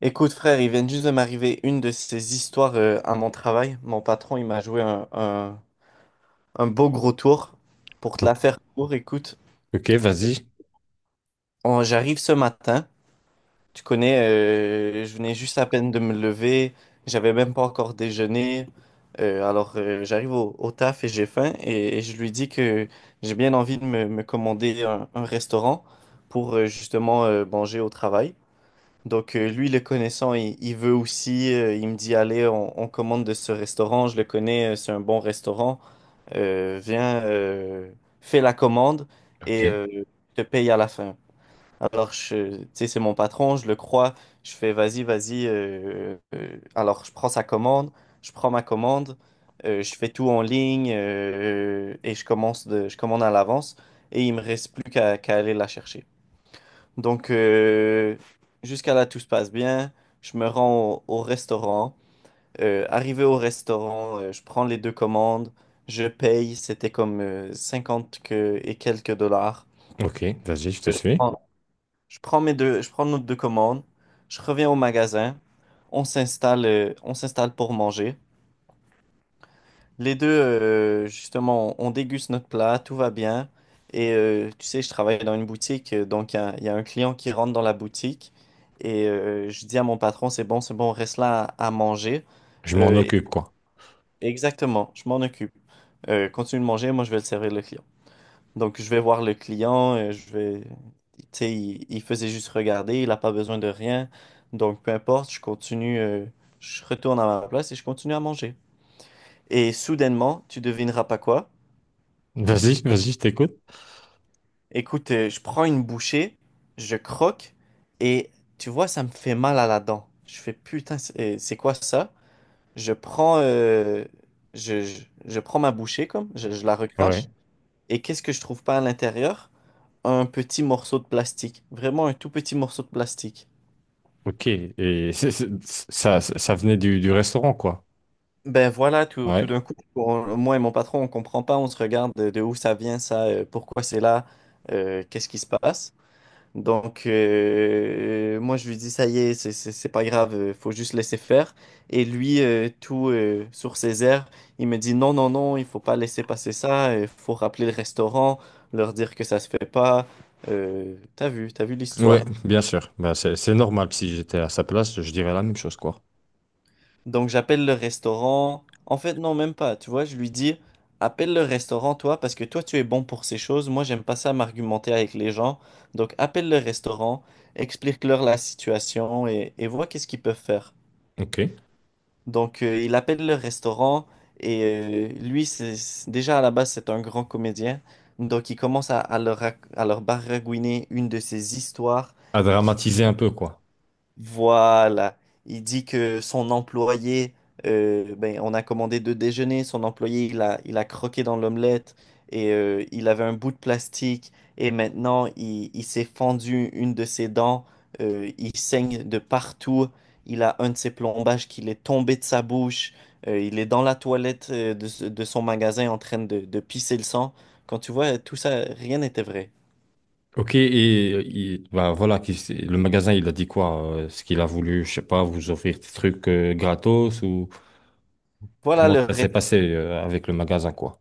Écoute, frère, il vient juste de m'arriver une de ces histoires à mon travail. Mon patron, il m'a joué un beau gros tour. Pour te la Ok, faire court, écoute, ok, vas-y. J'arrive ce matin. Tu connais, je venais juste à peine de me lever. J'avais même pas encore déjeuné. Alors, j'arrive au taf et j'ai faim. Et je lui dis que j'ai bien envie de me commander un restaurant pour justement manger au travail. Donc, lui, le connaissant, il veut aussi, il me dit, allez, on commande de ce restaurant, je le connais, c'est un bon restaurant. Viens, fais la commande Ok, et je te paye à la fin. Alors, tu sais, c'est mon patron, je le crois, je fais, vas-y, vas-y, alors je prends sa commande, je prends ma commande, je fais tout en ligne, et je commande à l'avance et il me reste plus qu'à aller la chercher. Donc, jusqu'à là, tout se passe bien. Je me rends au restaurant. Arrivé au restaurant, je prends les deux commandes. Je paye. C'était comme 50 et quelques dollars. ok, vas-y, je te Euh, Je suis. prends, je prends nos deux commandes. Je reviens au magasin. On s'installe pour manger. Justement, on déguste notre plat, tout va bien. Et tu sais, je travaille dans une boutique, donc il y a un client qui rentre dans la boutique. Et je dis à mon patron, c'est bon, reste là à manger. Je m'en Euh, occupe, quoi. Exactement, je m'en occupe. Continue de manger, moi je vais le servir le client. Donc je vais voir le client. Tu sais, il faisait juste regarder, il n'a pas besoin de rien. Donc peu importe, je continue, je retourne à ma place et je continue à manger. Et soudainement, tu devineras pas quoi? Vas-y, vas-y, je t'écoute. Écoute, je prends une bouchée, je croque et tu vois, ça me fait mal à la dent. Je fais putain, c'est quoi ça? Je prends, euh, je prends ma bouchée comme, je la recrache Ouais. et qu'est-ce que je trouve pas à l'intérieur? Un petit morceau de plastique, vraiment un tout petit morceau de plastique. Ok, et ça, ça venait du restaurant, quoi. Ben voilà, tout Ouais. d'un coup, moi et mon patron, on comprend pas, on se regarde de où ça vient ça, pourquoi c'est là, qu'est-ce qui se passe? Donc, moi, je lui dis, ça y est, c'est pas grave, faut juste laisser faire. Et lui, tout sur ses airs, il me dit, non, non, non, il faut pas laisser passer ça, il faut rappeler le restaurant, leur dire que ça se fait pas. T'as vu, t'as vu Ouais, l'histoire. bien sûr. Bah, c'est normal. Si j'étais à sa place, je dirais la même chose, quoi. Donc, j'appelle le restaurant. En fait, non, même pas, tu vois, je lui dis, appelle le restaurant, toi, parce que toi, tu es bon pour ces choses. Moi, j'aime pas ça m'argumenter avec les gens. Donc, appelle le restaurant, explique-leur la situation et vois qu'est-ce qu'ils peuvent faire. Ok. Donc, il appelle le restaurant et lui, déjà à la base, c'est un grand comédien. Donc, il commence à leur baragouiner une de ses histoires, À dramatiser un peu, quoi. voilà. Il dit que son employé, ben, on a commandé deux déjeuners, son employé, il a croqué dans l'omelette et il avait un bout de plastique et maintenant il s'est fendu une de ses dents, il saigne de partout, il a un de ses plombages qui est tombé de sa bouche, il est dans la toilette, de son magasin en train de pisser le sang. Quand tu vois tout ça, rien n'était vrai. Ok, et bah, voilà, le magasin, il a dit quoi? Ce qu'il a voulu, je sais pas, vous offrir des trucs gratos, ou Voilà comment le ça s'est passé avec le magasin, quoi.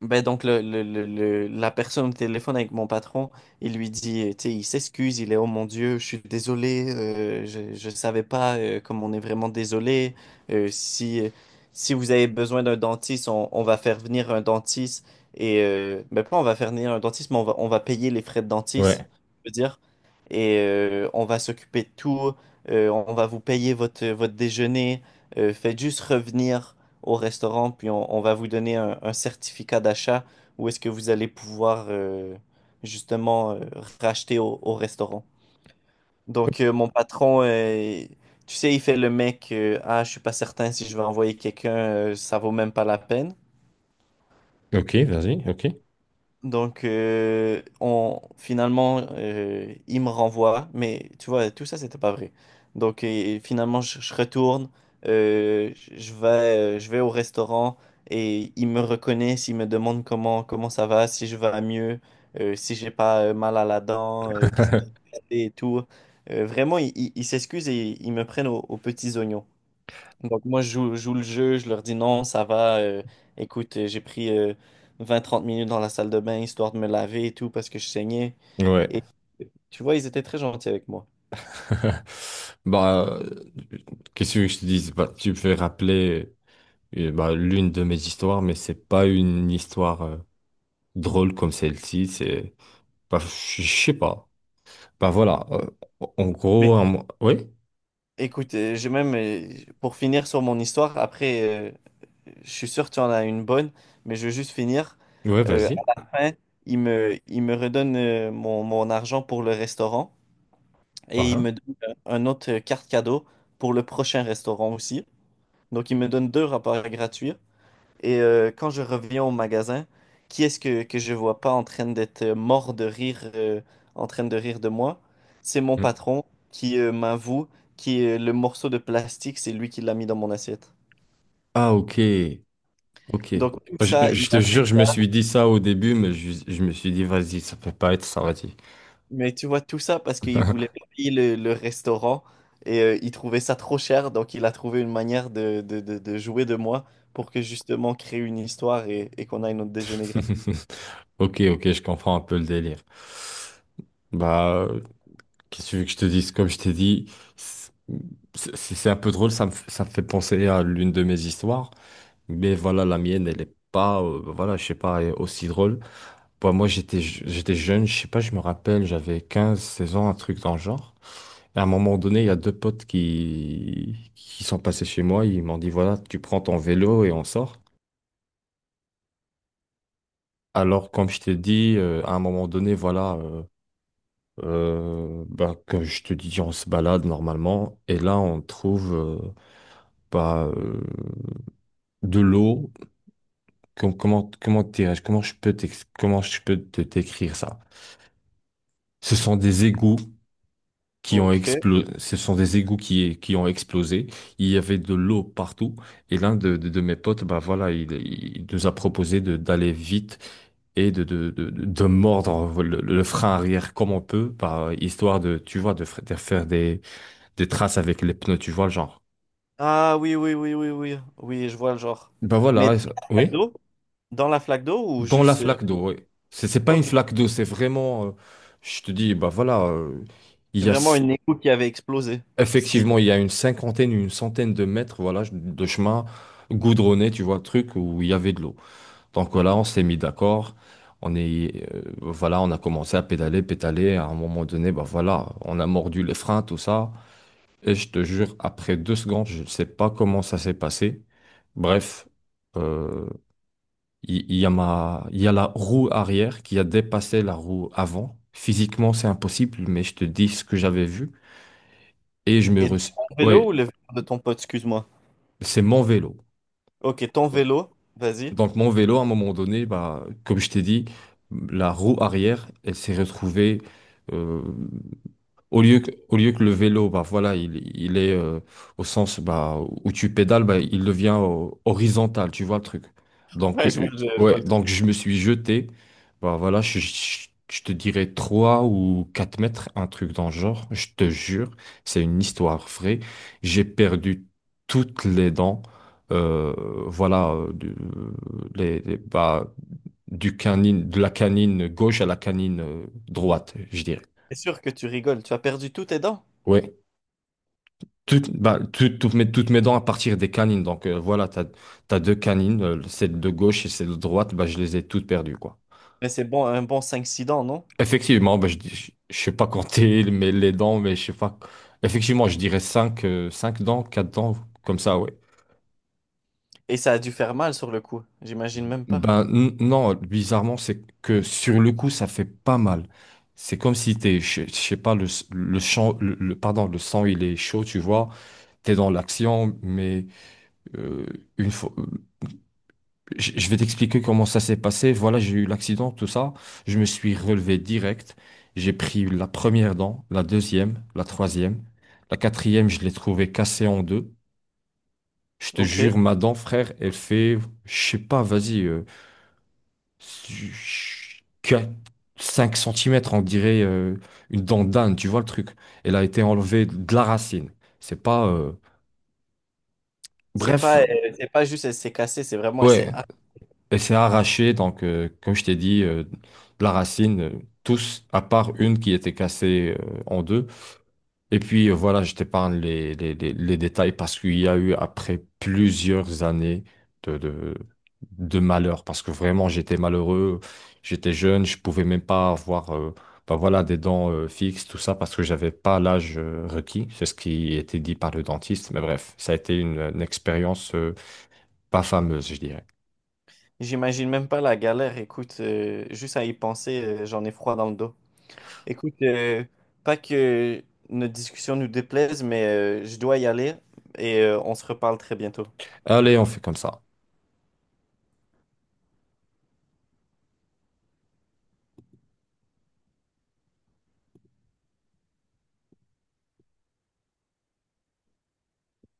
Ben donc la personne au téléphone avec mon patron, il lui dit, tu sais, il s'excuse, il est, oh mon Dieu, je suis désolé, je savais pas, comme on est vraiment désolé. euh, si euh, Si vous avez besoin d'un dentiste, on va faire venir un dentiste. Et ben pas on va faire venir un dentiste, mais on va payer les frais de dentiste, Ouais. je veux dire, et on va s'occuper de tout, on va vous payer votre déjeuner, faites juste revenir au restaurant, puis on va vous donner un certificat d'achat où est-ce que vous allez pouvoir justement racheter au restaurant. Donc, mon patron, tu sais, il fait le mec, ah, je suis pas certain si je vais envoyer quelqu'un, ça vaut même pas la peine. Ok, vas-y, ok. Donc, finalement, il me renvoie, mais tu vois, tout ça, c'était pas vrai. Donc, et finalement, je retourne, je vais au restaurant et ils me reconnaissent, ils me demandent comment ça va, si je vais mieux, si j'ai pas mal à la dent, qu'est-ce que j'ai fait et tout. Vraiment, ils s'excusent et ils me prennent aux petits oignons. Donc moi, je joue le jeu, je leur dis non, ça va, écoute, j'ai pris 20 30 minutes dans la salle de bain histoire de me laver et tout parce que je saignais. Ouais. Et tu vois, ils étaient très gentils avec moi. Bah, qu'est-ce que je te dis? Bah, tu me fais rappeler bah, l'une de mes histoires, mais c'est pas une histoire drôle comme celle-ci. C'est, bah, je sais pas. Bah voilà. En Mais gros, oui, écoute, pour finir sur mon histoire, après, euh, je suis sûr que tu en as une bonne, mais je veux juste finir. ouais, vas-y. À la fin, ils me redonnent mon argent pour le restaurant Ah, et ils hein. me donnent un autre carte cadeau pour le prochain restaurant aussi. Donc, ils me donnent deux rapports gratuits. Et quand je reviens au magasin, qui est-ce que je vois pas en train d'être, mort de rire, en train de rire de moi? C'est mon Mm. patron qui m'avoue que le morceau de plastique, c'est lui qui l'a mis dans mon assiette. Ah, ok, ok. Donc tout Bah, Je, ça, il je te a jure, fait je me ça. suis dit ça au début, mais je me suis dit, vas-y, ça peut pas être ça, vas-y. Mais tu vois, tout ça parce qu'il voulait pas payer le restaurant et il trouvait ça trop cher. Donc il a trouvé une manière de jouer de moi pour que justement créer une histoire et qu'on aille notre déjeuner gratuit. Ok, ok, je comprends un peu le délire. Bah. Qu'est-ce que tu veux que je te dise? Comme je t'ai dit, c'est c'est un peu drôle, ça me fait penser à l'une de mes histoires. Mais voilà, la mienne, elle est pas, bah voilà, je sais pas, elle est aussi drôle. Bah, moi, j'étais jeune, je sais pas, je me rappelle, j'avais 15 16 ans, un truc dans le genre. Et à un moment donné, il y a deux potes qui sont passés chez moi, ils m'ont dit, voilà, tu prends ton vélo et on sort. Alors, comme je t'ai dit, à un moment donné, voilà, bah, comme je te dis, on se balade normalement. Et là, on trouve, bah, de l'eau. Comment, dirais-je, comment je peux te t'écrire ça? Ce sont des égouts qui ont Donc. explosé. Ce sont des égouts qui ont explosé. Il y avait de l'eau partout. Et l'un de mes potes, bah voilà, il nous a proposé de d'aller vite et de mordre le frein arrière comme on peut, par histoire de, tu vois, de faire des traces avec les pneus, tu vois, le genre. Ah oui, oui, oui, oui, oui. Oui, je vois le genre. Bah Mais voilà, des et flaques oui. d'eau? Dans la flaque d'eau ou Dans la juste... flaque d'eau, oui. C'est pas une Ok, flaque d'eau, c'est vraiment, je te dis, bah voilà, il c'est y a vraiment s- une écho qui avait explosé. C'était... effectivement, il y a une cinquantaine, une centaine de mètres, voilà, de chemin goudronné, tu vois, le truc où il y avait de l'eau. Donc voilà, on s'est mis d'accord. On est, voilà, on a commencé à pédaler, pédaler. À un moment donné, bah voilà, on a mordu les freins, tout ça. Et je te jure, après 2 secondes, je ne sais pas comment ça s'est passé. Bref. euh, il y a la roue arrière qui a dépassé la roue avant. Physiquement, c'est impossible, mais je te dis ce que j'avais vu. Et je me Et re... ton Ouais, vélo ou le vélo de ton pote, excuse-moi. c'est mon vélo. Ok, ton Ouais. vélo, vas-y. Donc, mon vélo, à un moment donné, bah, comme je t'ai dit, la roue arrière, elle s'est retrouvée. euh, au lieu que le vélo, bah voilà, il est au sens bah, où tu pédales, bah, il devient horizontal, tu vois le truc. Donc, Ouais, je vois, je vois ouais, le truc. donc je me suis jeté, bah voilà, je te dirais 3 ou 4 mètres, un truc dans le genre, je te jure, c'est une histoire vraie. J'ai perdu toutes les dents, euh, voilà, bah, du canine, de la canine gauche à la canine droite, je dirais. C'est sûr que tu rigoles, tu as perdu tous tes dents. Ouais. Toutes, bah, toutes mes dents à partir des canines. Donc voilà, t'as deux canines, celle de gauche et celle de droite, bah, je les ai toutes perdues, quoi. Mais c'est bon, un bon cinq six dents, non? Effectivement, bah, je sais pas compter mais les dents, mais je sais pas. Effectivement, je dirais cinq dents, quatre dents, comme ça, ouais. Et ça a dû faire mal sur le coup, j'imagine même pas. Ben non, bizarrement, c'est que sur le coup, ça fait pas mal. C'est comme si t'es, je sais pas, le, s- le, champ- le- pardon, le sang, il est chaud, tu vois. T'es dans l'action, mais euh, une fois. Je vais t'expliquer comment ça s'est passé. Voilà, j'ai eu l'accident, tout ça. Je me suis relevé direct. J'ai pris la première dent, la deuxième, la troisième. La quatrième, je l'ai trouvée cassée en deux. Je te Ok, jure, ma dent, frère, elle fait, je sais pas, vas-y, 5 centimètres. On dirait une dent d'âne, tu vois le truc. Elle a été enlevée de la racine. C'est pas... c'est Bref, pas, euh, c'est pas juste elle s'est cassée, c'est vraiment elle s'est... ouais, ah. et c'est arraché, donc, comme je t'ai dit, de la racine, tous, à part une qui était cassée en deux. Et puis, voilà, je t'épargne les détails parce qu'il y a eu, après plusieurs années de, de, de malheur, parce que vraiment, j'étais malheureux, j'étais jeune, je pouvais même pas avoir bah voilà, des dents fixes, tout ça, parce que j'avais pas l'âge requis. C'est ce qui était dit par le dentiste. Mais bref, ça a été une expérience pas fameuse, je dirais. J'imagine même pas la galère, écoute, juste à y penser, j'en ai froid dans le dos. Écoute, pas que notre discussion nous déplaise, mais je dois y aller et on se reparle très bientôt. Allez, on fait comme ça.